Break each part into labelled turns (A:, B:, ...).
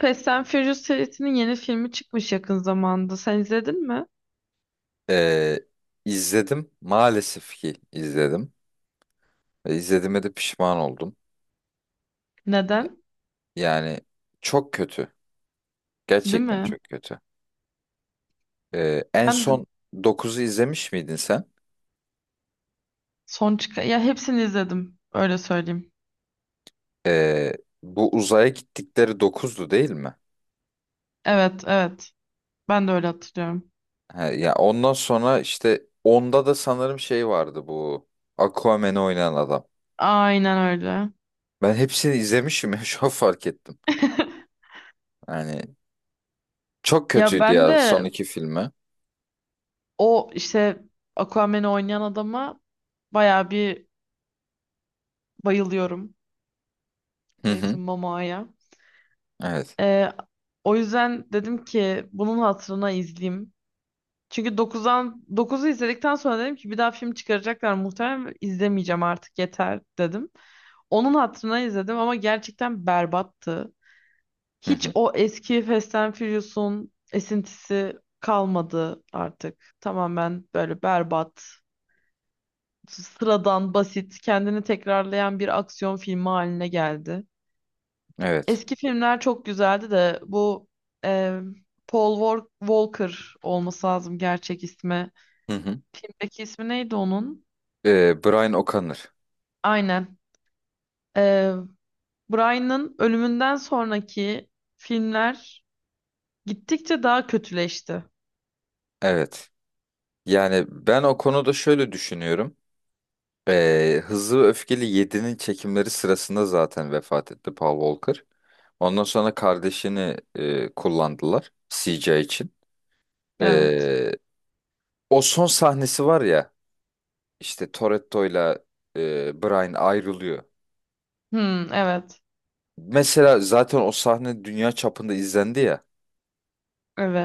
A: Fast and Furious serisinin yeni filmi çıkmış yakın zamanda. Sen izledin mi?
B: Ee, izledim. Maalesef ki izledim. Ve izlediğime de pişman oldum.
A: Neden?
B: Yani çok kötü.
A: Değil
B: Gerçekten
A: mi?
B: çok kötü. En
A: Ben de
B: son dokuzu izlemiş miydin sen?
A: son çıkan... Ya hepsini izledim. Öyle söyleyeyim.
B: Ee, Bu uzaya gittikleri dokuzdu değil mi?
A: Evet, evet. Ben de öyle hatırlıyorum.
B: Ha, ya ondan sonra işte onda da sanırım şey vardı bu. Aquaman'ı oynayan adam.
A: Aynen öyle.
B: Ben hepsini izlemişim ya şu an fark ettim. Yani çok
A: Ya
B: kötüydü
A: ben
B: ya son
A: de
B: iki filmi.
A: o işte Aquaman'i oynayan adama bayağı bir bayılıyorum.
B: Hı hı.
A: Jason Momoa'ya.
B: Evet.
A: Ee, O yüzden dedim ki bunun hatırına izleyeyim. Çünkü 9'dan dokuzu izledikten sonra dedim ki bir daha film çıkaracaklar muhtemelen izlemeyeceğim artık yeter dedim. Onun hatırına izledim ama gerçekten berbattı.
B: Hı
A: Hiç
B: hı.
A: o eski Fast and Furious'un esintisi kalmadı artık. Tamamen böyle berbat, sıradan, basit, kendini tekrarlayan bir aksiyon filmi haline geldi.
B: Evet.
A: Eski filmler çok güzeldi de bu e, Paul Walker olması lazım gerçek ismi.
B: Hı hı.
A: Filmdeki ismi neydi onun?
B: Brian O'Connor.
A: Aynen. Ee, Brian'ın ölümünden sonraki filmler gittikçe daha kötüleşti.
B: Evet. Yani ben o konuda şöyle düşünüyorum. Hızlı ve Öfkeli 7'nin çekimleri sırasında zaten vefat etti Paul Walker. Ondan sonra kardeşini kullandılar CJ için.
A: Evet.
B: Ee, O son sahnesi var ya işte Toretto'yla Brian ayrılıyor.
A: Hmm, evet.
B: Mesela zaten o sahne dünya çapında izlendi ya.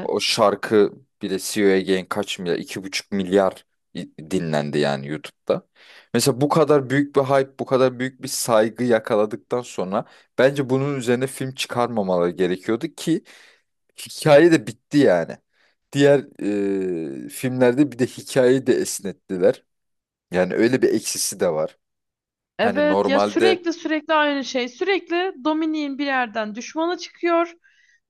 B: O şarkı bile CEO Again kaç milyar? 2,5 milyar dinlendi yani YouTube'da. Mesela bu kadar büyük bir hype, bu kadar büyük bir saygı yakaladıktan sonra bence bunun üzerine film çıkarmamaları gerekiyordu ki hikaye de bitti yani. Diğer filmlerde bir de hikayeyi de esnettiler. Yani öyle bir eksisi de var. Hani
A: Evet ya
B: normalde,
A: sürekli aynı şey. Sürekli Dominik'in bir yerden düşmanı çıkıyor.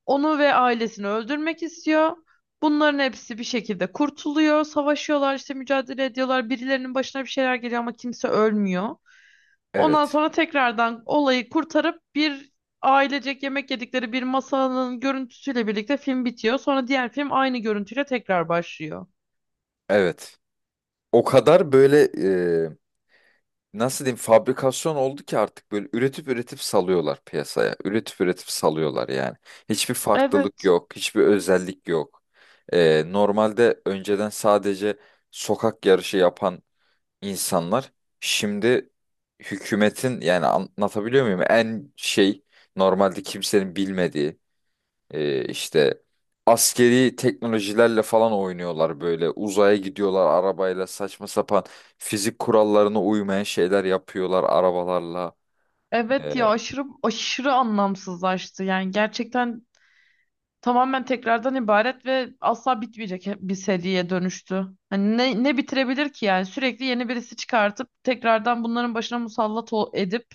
A: Onu ve ailesini öldürmek istiyor. Bunların hepsi bir şekilde kurtuluyor. Savaşıyorlar işte mücadele ediyorlar. Birilerinin başına bir şeyler geliyor ama kimse ölmüyor. Ondan
B: evet,
A: sonra tekrardan olayı kurtarıp bir ailecek yemek yedikleri bir masanın görüntüsüyle birlikte film bitiyor. Sonra diğer film aynı görüntüyle tekrar başlıyor.
B: evet. O kadar böyle nasıl diyeyim fabrikasyon oldu ki artık böyle üretip üretip salıyorlar piyasaya. Üretip üretip salıyorlar yani. Hiçbir farklılık
A: Evet,
B: yok, hiçbir özellik yok. Normalde önceden sadece sokak yarışı yapan insanlar şimdi hükümetin, yani anlatabiliyor muyum? En şey, normalde kimsenin bilmediği işte askeri teknolojilerle falan oynuyorlar böyle. Uzaya gidiyorlar arabayla, saçma sapan fizik kurallarına uymayan şeyler yapıyorlar arabalarla.
A: evet
B: Ee,
A: ya aşırı aşırı anlamsızlaştı. Yani gerçekten tamamen tekrardan ibaret ve asla bitmeyecek bir seriye dönüştü. Hani ne bitirebilir ki yani sürekli yeni birisi çıkartıp tekrardan bunların başına musallat edip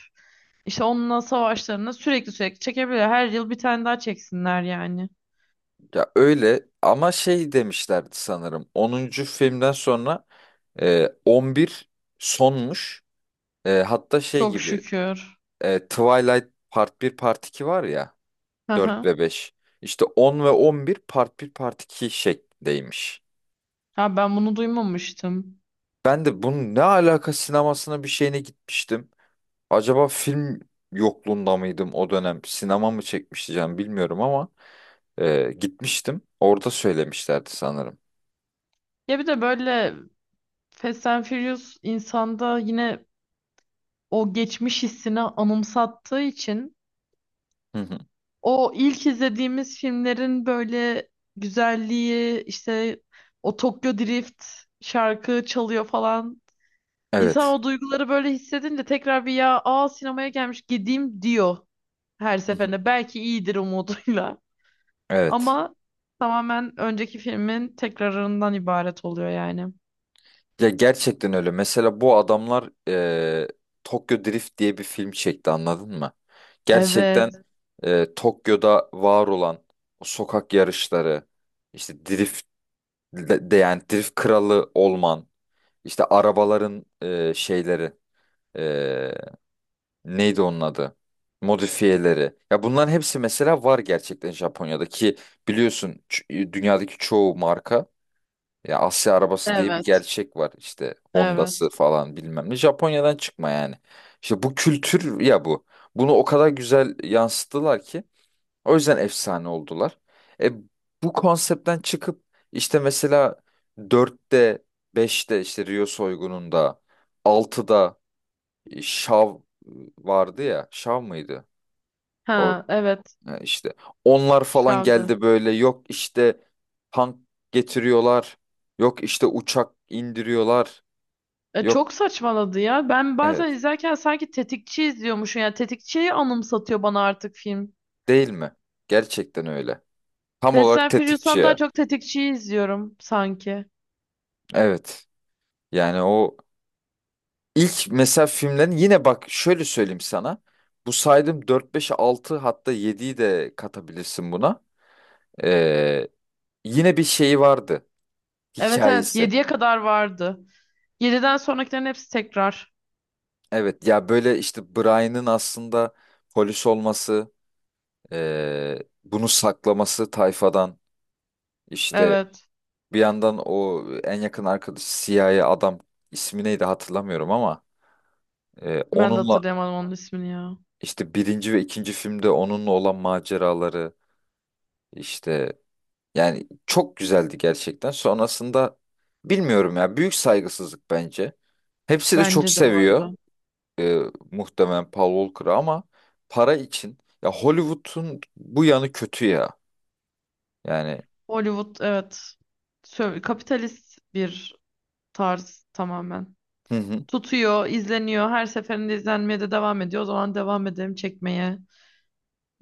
A: işte onunla savaşlarını sürekli çekebilir. Her yıl bir tane daha çeksinler yani.
B: Ya öyle ama şey demişlerdi sanırım. 10. filmden sonra 11 sonmuş. Hatta şey
A: Çok
B: gibi
A: şükür.
B: Twilight Part bir, Part 2 var ya,
A: Hı
B: 4
A: hı.
B: ve beş. İşte 10 ve 11 Part bir Part 2 şeklindeymiş.
A: Ha ben bunu duymamıştım.
B: Ben de bunun ne alaka sinemasına bir şeyine gitmiştim. Acaba film yokluğunda mıydım o dönem? Sinema mı çekmişti canım, bilmiyorum ama gitmiştim. Orada söylemişlerdi sanırım.
A: Ya bir de böyle Fast and Furious insanda yine o geçmiş hissini anımsattığı için
B: Hı hı.
A: o ilk izlediğimiz filmlerin böyle güzelliği işte o Tokyo Drift şarkı çalıyor falan. İnsan
B: Evet.
A: o duyguları böyle hissedince tekrar bir ya aa sinemaya gelmiş gideyim diyor her
B: Hı hı.
A: seferinde. Belki iyidir umuduyla
B: Evet.
A: ama tamamen önceki filmin tekrarından ibaret oluyor yani.
B: Ya gerçekten öyle. Mesela bu adamlar Tokyo Drift diye bir film çekti, anladın mı? Gerçekten
A: Evet,
B: Tokyo'da var olan o sokak yarışları, işte drift, yani drift kralı olman. İşte arabaların şeyleri, e, neydi onun adı? Modifiyeleri. Ya bunların hepsi mesela var gerçekten Japonya'da ki biliyorsun, dünyadaki çoğu marka, ya Asya arabası diye bir
A: evet,
B: gerçek var işte, Honda'sı
A: evet.
B: falan bilmem ne Japonya'dan çıkma yani. İşte bu kültür ya bu. Bunu o kadar güzel yansıttılar ki o yüzden efsane oldular. E, Bu konseptten çıkıp işte mesela dörtte, beşte işte Rio soygununda, altıda Şav vardı ya. Şav mıydı? O
A: Ha, evet.
B: işte onlar falan
A: Şavdı.
B: geldi böyle, yok işte tank getiriyorlar. Yok işte uçak indiriyorlar. Yok,
A: Çok saçmaladı ya. Ben bazen
B: evet,
A: izlerken sanki tetikçi izliyormuşum. Yani tetikçiyi anımsatıyor bana artık film.
B: değil mi? Gerçekten öyle. Tam
A: Fast
B: olarak
A: and
B: tetikçi
A: Furious'tan daha
B: ya.
A: çok tetikçiyi izliyorum sanki.
B: Evet. Yani o İlk mesela filmlerin, yine bak şöyle söyleyeyim sana. Bu saydığım dört, beş, altı, hatta 7'yi de katabilirsin buna. Ee, Yine bir şeyi vardı.
A: Evet, evet,
B: Hikayesi.
A: yediye kadar vardı. Yediden sonrakilerin hepsi tekrar.
B: Evet ya, böyle işte Brian'ın aslında polis olması, ee, bunu saklaması tayfadan. İşte
A: Evet.
B: bir yandan o en yakın arkadaşı siyahi adam, ismi neydi hatırlamıyorum ama,
A: Ben de
B: onunla
A: hatırlayamadım onun ismini ya.
B: işte birinci ve ikinci filmde onunla olan maceraları işte. Yani çok güzeldi gerçekten. Sonrasında bilmiyorum ya, büyük saygısızlık bence. Hepsi de çok
A: Bence de bu arada.
B: seviyor e, muhtemelen Paul Walker'ı ama para için, ya Hollywood'un bu yanı kötü ya. Yani,
A: Hollywood, evet. Kapitalist bir tarz tamamen.
B: hı hı,
A: Tutuyor, izleniyor. Her seferinde izlenmeye de devam ediyor. O zaman devam edelim çekmeye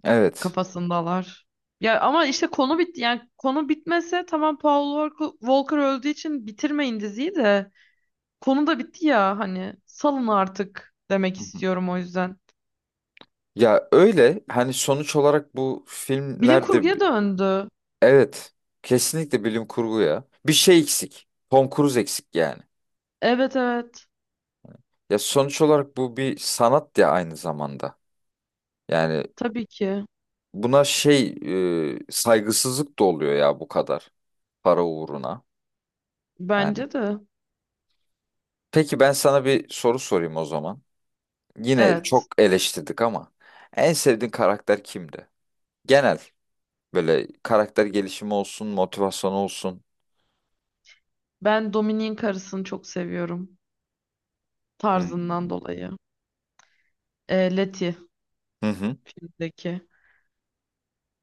B: evet.
A: kafasındalar. Ya ama işte konu bitti. Yani konu bitmese tamam, Paul Walker öldüğü için bitirmeyin diziyi de. Konu da bitti ya, hani salın artık demek
B: Hı hı.
A: istiyorum o yüzden.
B: Ya öyle, hani sonuç olarak bu
A: Bilim
B: filmlerde
A: kurguya döndü.
B: evet, kesinlikle bilim kurgu ya. Bir şey eksik. Tom Cruise eksik yani.
A: Evet, evet.
B: Ya sonuç olarak bu bir sanat ya aynı zamanda. Yani
A: Tabii ki.
B: buna şey, saygısızlık da oluyor ya, bu kadar para uğruna. Yani.
A: Bence de.
B: Peki ben sana bir soru sorayım o zaman. Yine çok
A: Evet.
B: eleştirdik ama en sevdiğin karakter kimdi? Genel böyle, karakter gelişimi olsun, motivasyon olsun.
A: Ben Dominik'in karısını çok seviyorum. Tarzından
B: Hmm.
A: dolayı. Letty
B: Hı hı.
A: filmdeki.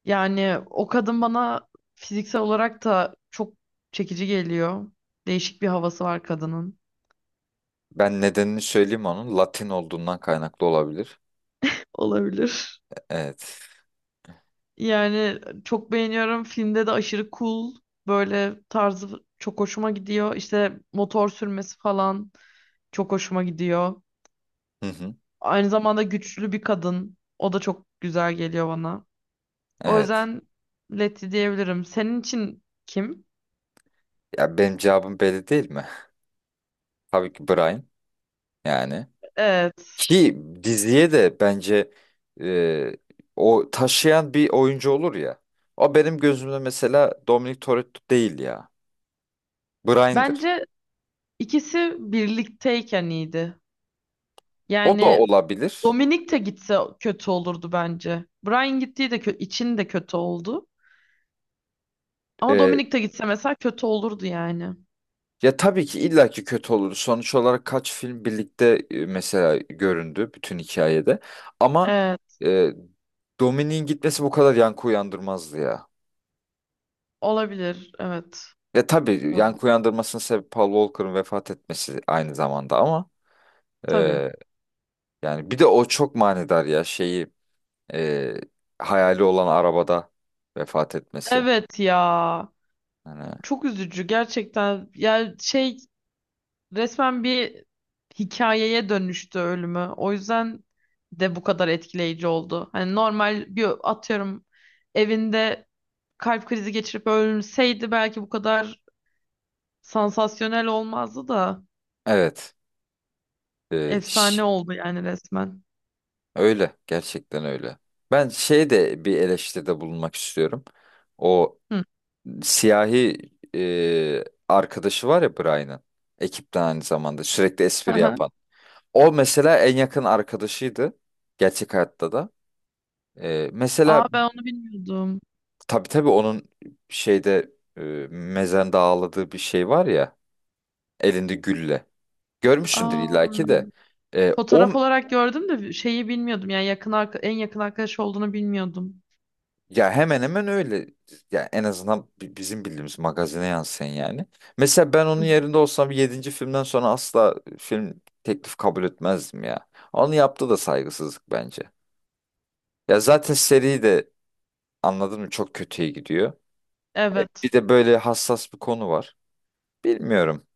A: Yani o kadın bana fiziksel olarak da çok çekici geliyor. Değişik bir havası var kadının.
B: Ben nedenini söyleyeyim onun. Latin olduğundan kaynaklı olabilir.
A: Olabilir.
B: Evet.
A: Yani çok beğeniyorum. Filmde de aşırı cool. Böyle tarzı çok hoşuma gidiyor. İşte motor sürmesi falan çok hoşuma gidiyor.
B: Hı hı.
A: Aynı zamanda güçlü bir kadın. O da çok güzel geliyor bana. O
B: Evet.
A: yüzden Letty diyebilirim. Senin için kim?
B: Ya benim cevabım belli değil mi? Tabii ki Brian yani.
A: Evet.
B: Ki diziye de bence e, o taşıyan bir oyuncu olur ya. O benim gözümde mesela Dominic Toretto değil ya. Brian'dır.
A: Bence ikisi birlikteyken iyiydi.
B: O da
A: Yani
B: olabilir.
A: Dominik de gitse kötü olurdu bence. Brian gittiği de için de kötü oldu. Ama
B: E,
A: Dominik de gitse mesela kötü olurdu yani.
B: Ya tabii ki illaki kötü olur. Sonuç olarak kaç film birlikte mesela göründü bütün hikayede. Ama
A: Evet,
B: e, Dominic'in gitmesi bu kadar yankı uyandırmazdı ya.
A: olabilir. Evet.
B: Ya tabii
A: Olabilir.
B: yankı uyandırmasının sebebi Paul Walker'ın vefat etmesi aynı zamanda ama,
A: Tabii.
B: e, yani bir de o çok manidar ya, şeyi, e, hayali olan arabada vefat etmesi.
A: Evet ya.
B: Hani
A: Çok üzücü gerçekten. Yani şey, resmen bir hikayeye dönüştü ölümü. O yüzden de bu kadar etkileyici oldu. Hani normal bir atıyorum evinde kalp krizi geçirip ölseydi belki bu kadar sansasyonel olmazdı da.
B: evet, e,
A: Efsane
B: şş,
A: oldu yani resmen.
B: öyle gerçekten öyle. Ben şey de bir eleştiride bulunmak istiyorum. O
A: Hı.
B: siyahi arkadaşı var ya Brian'ın, ekipten aynı zamanda sürekli
A: Hı
B: espri
A: hı.
B: yapan. O mesela en yakın arkadaşıydı gerçek hayatta da. Mesela
A: Aa, ben onu bilmiyordum.
B: tabii tabii, onun şeyde, e, mezende ağladığı bir şey var ya. Elinde gülle. Görmüşsündür
A: Aa,
B: illaki de. O
A: fotoğraf olarak gördüm de şeyi bilmiyordum. Yani yakın en yakın arkadaş olduğunu bilmiyordum.
B: ya hemen hemen öyle. Ya en azından bizim bildiğimiz magazine yansıyan yani. Mesela ben onun
A: Hı.
B: yerinde olsam yedinci filmden sonra asla film teklif kabul etmezdim ya. Onu yaptı da, saygısızlık bence. Ya zaten seri de, anladın mı, çok kötüye gidiyor.
A: Evet.
B: Bir de böyle hassas bir konu var. Bilmiyorum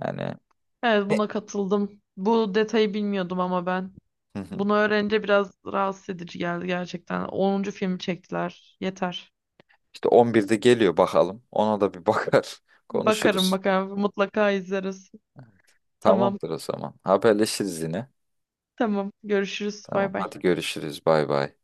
B: yani.
A: Evet,
B: Ne-
A: buna katıldım. Bu detayı bilmiyordum ama ben.
B: Hı hı.
A: Bunu öğrenince biraz rahatsız edici geldi gerçekten. Onuncu filmi çektiler. Yeter.
B: İşte 11'de geliyor bakalım. Ona da bir bakar.
A: Bakarım,
B: Konuşuruz.
A: bakarım. Mutlaka izleriz. Tamam.
B: Tamamdır o zaman. Haberleşiriz yine.
A: Tamam. Görüşürüz.
B: Tamam,
A: Bay bay.
B: hadi görüşürüz, bay bay.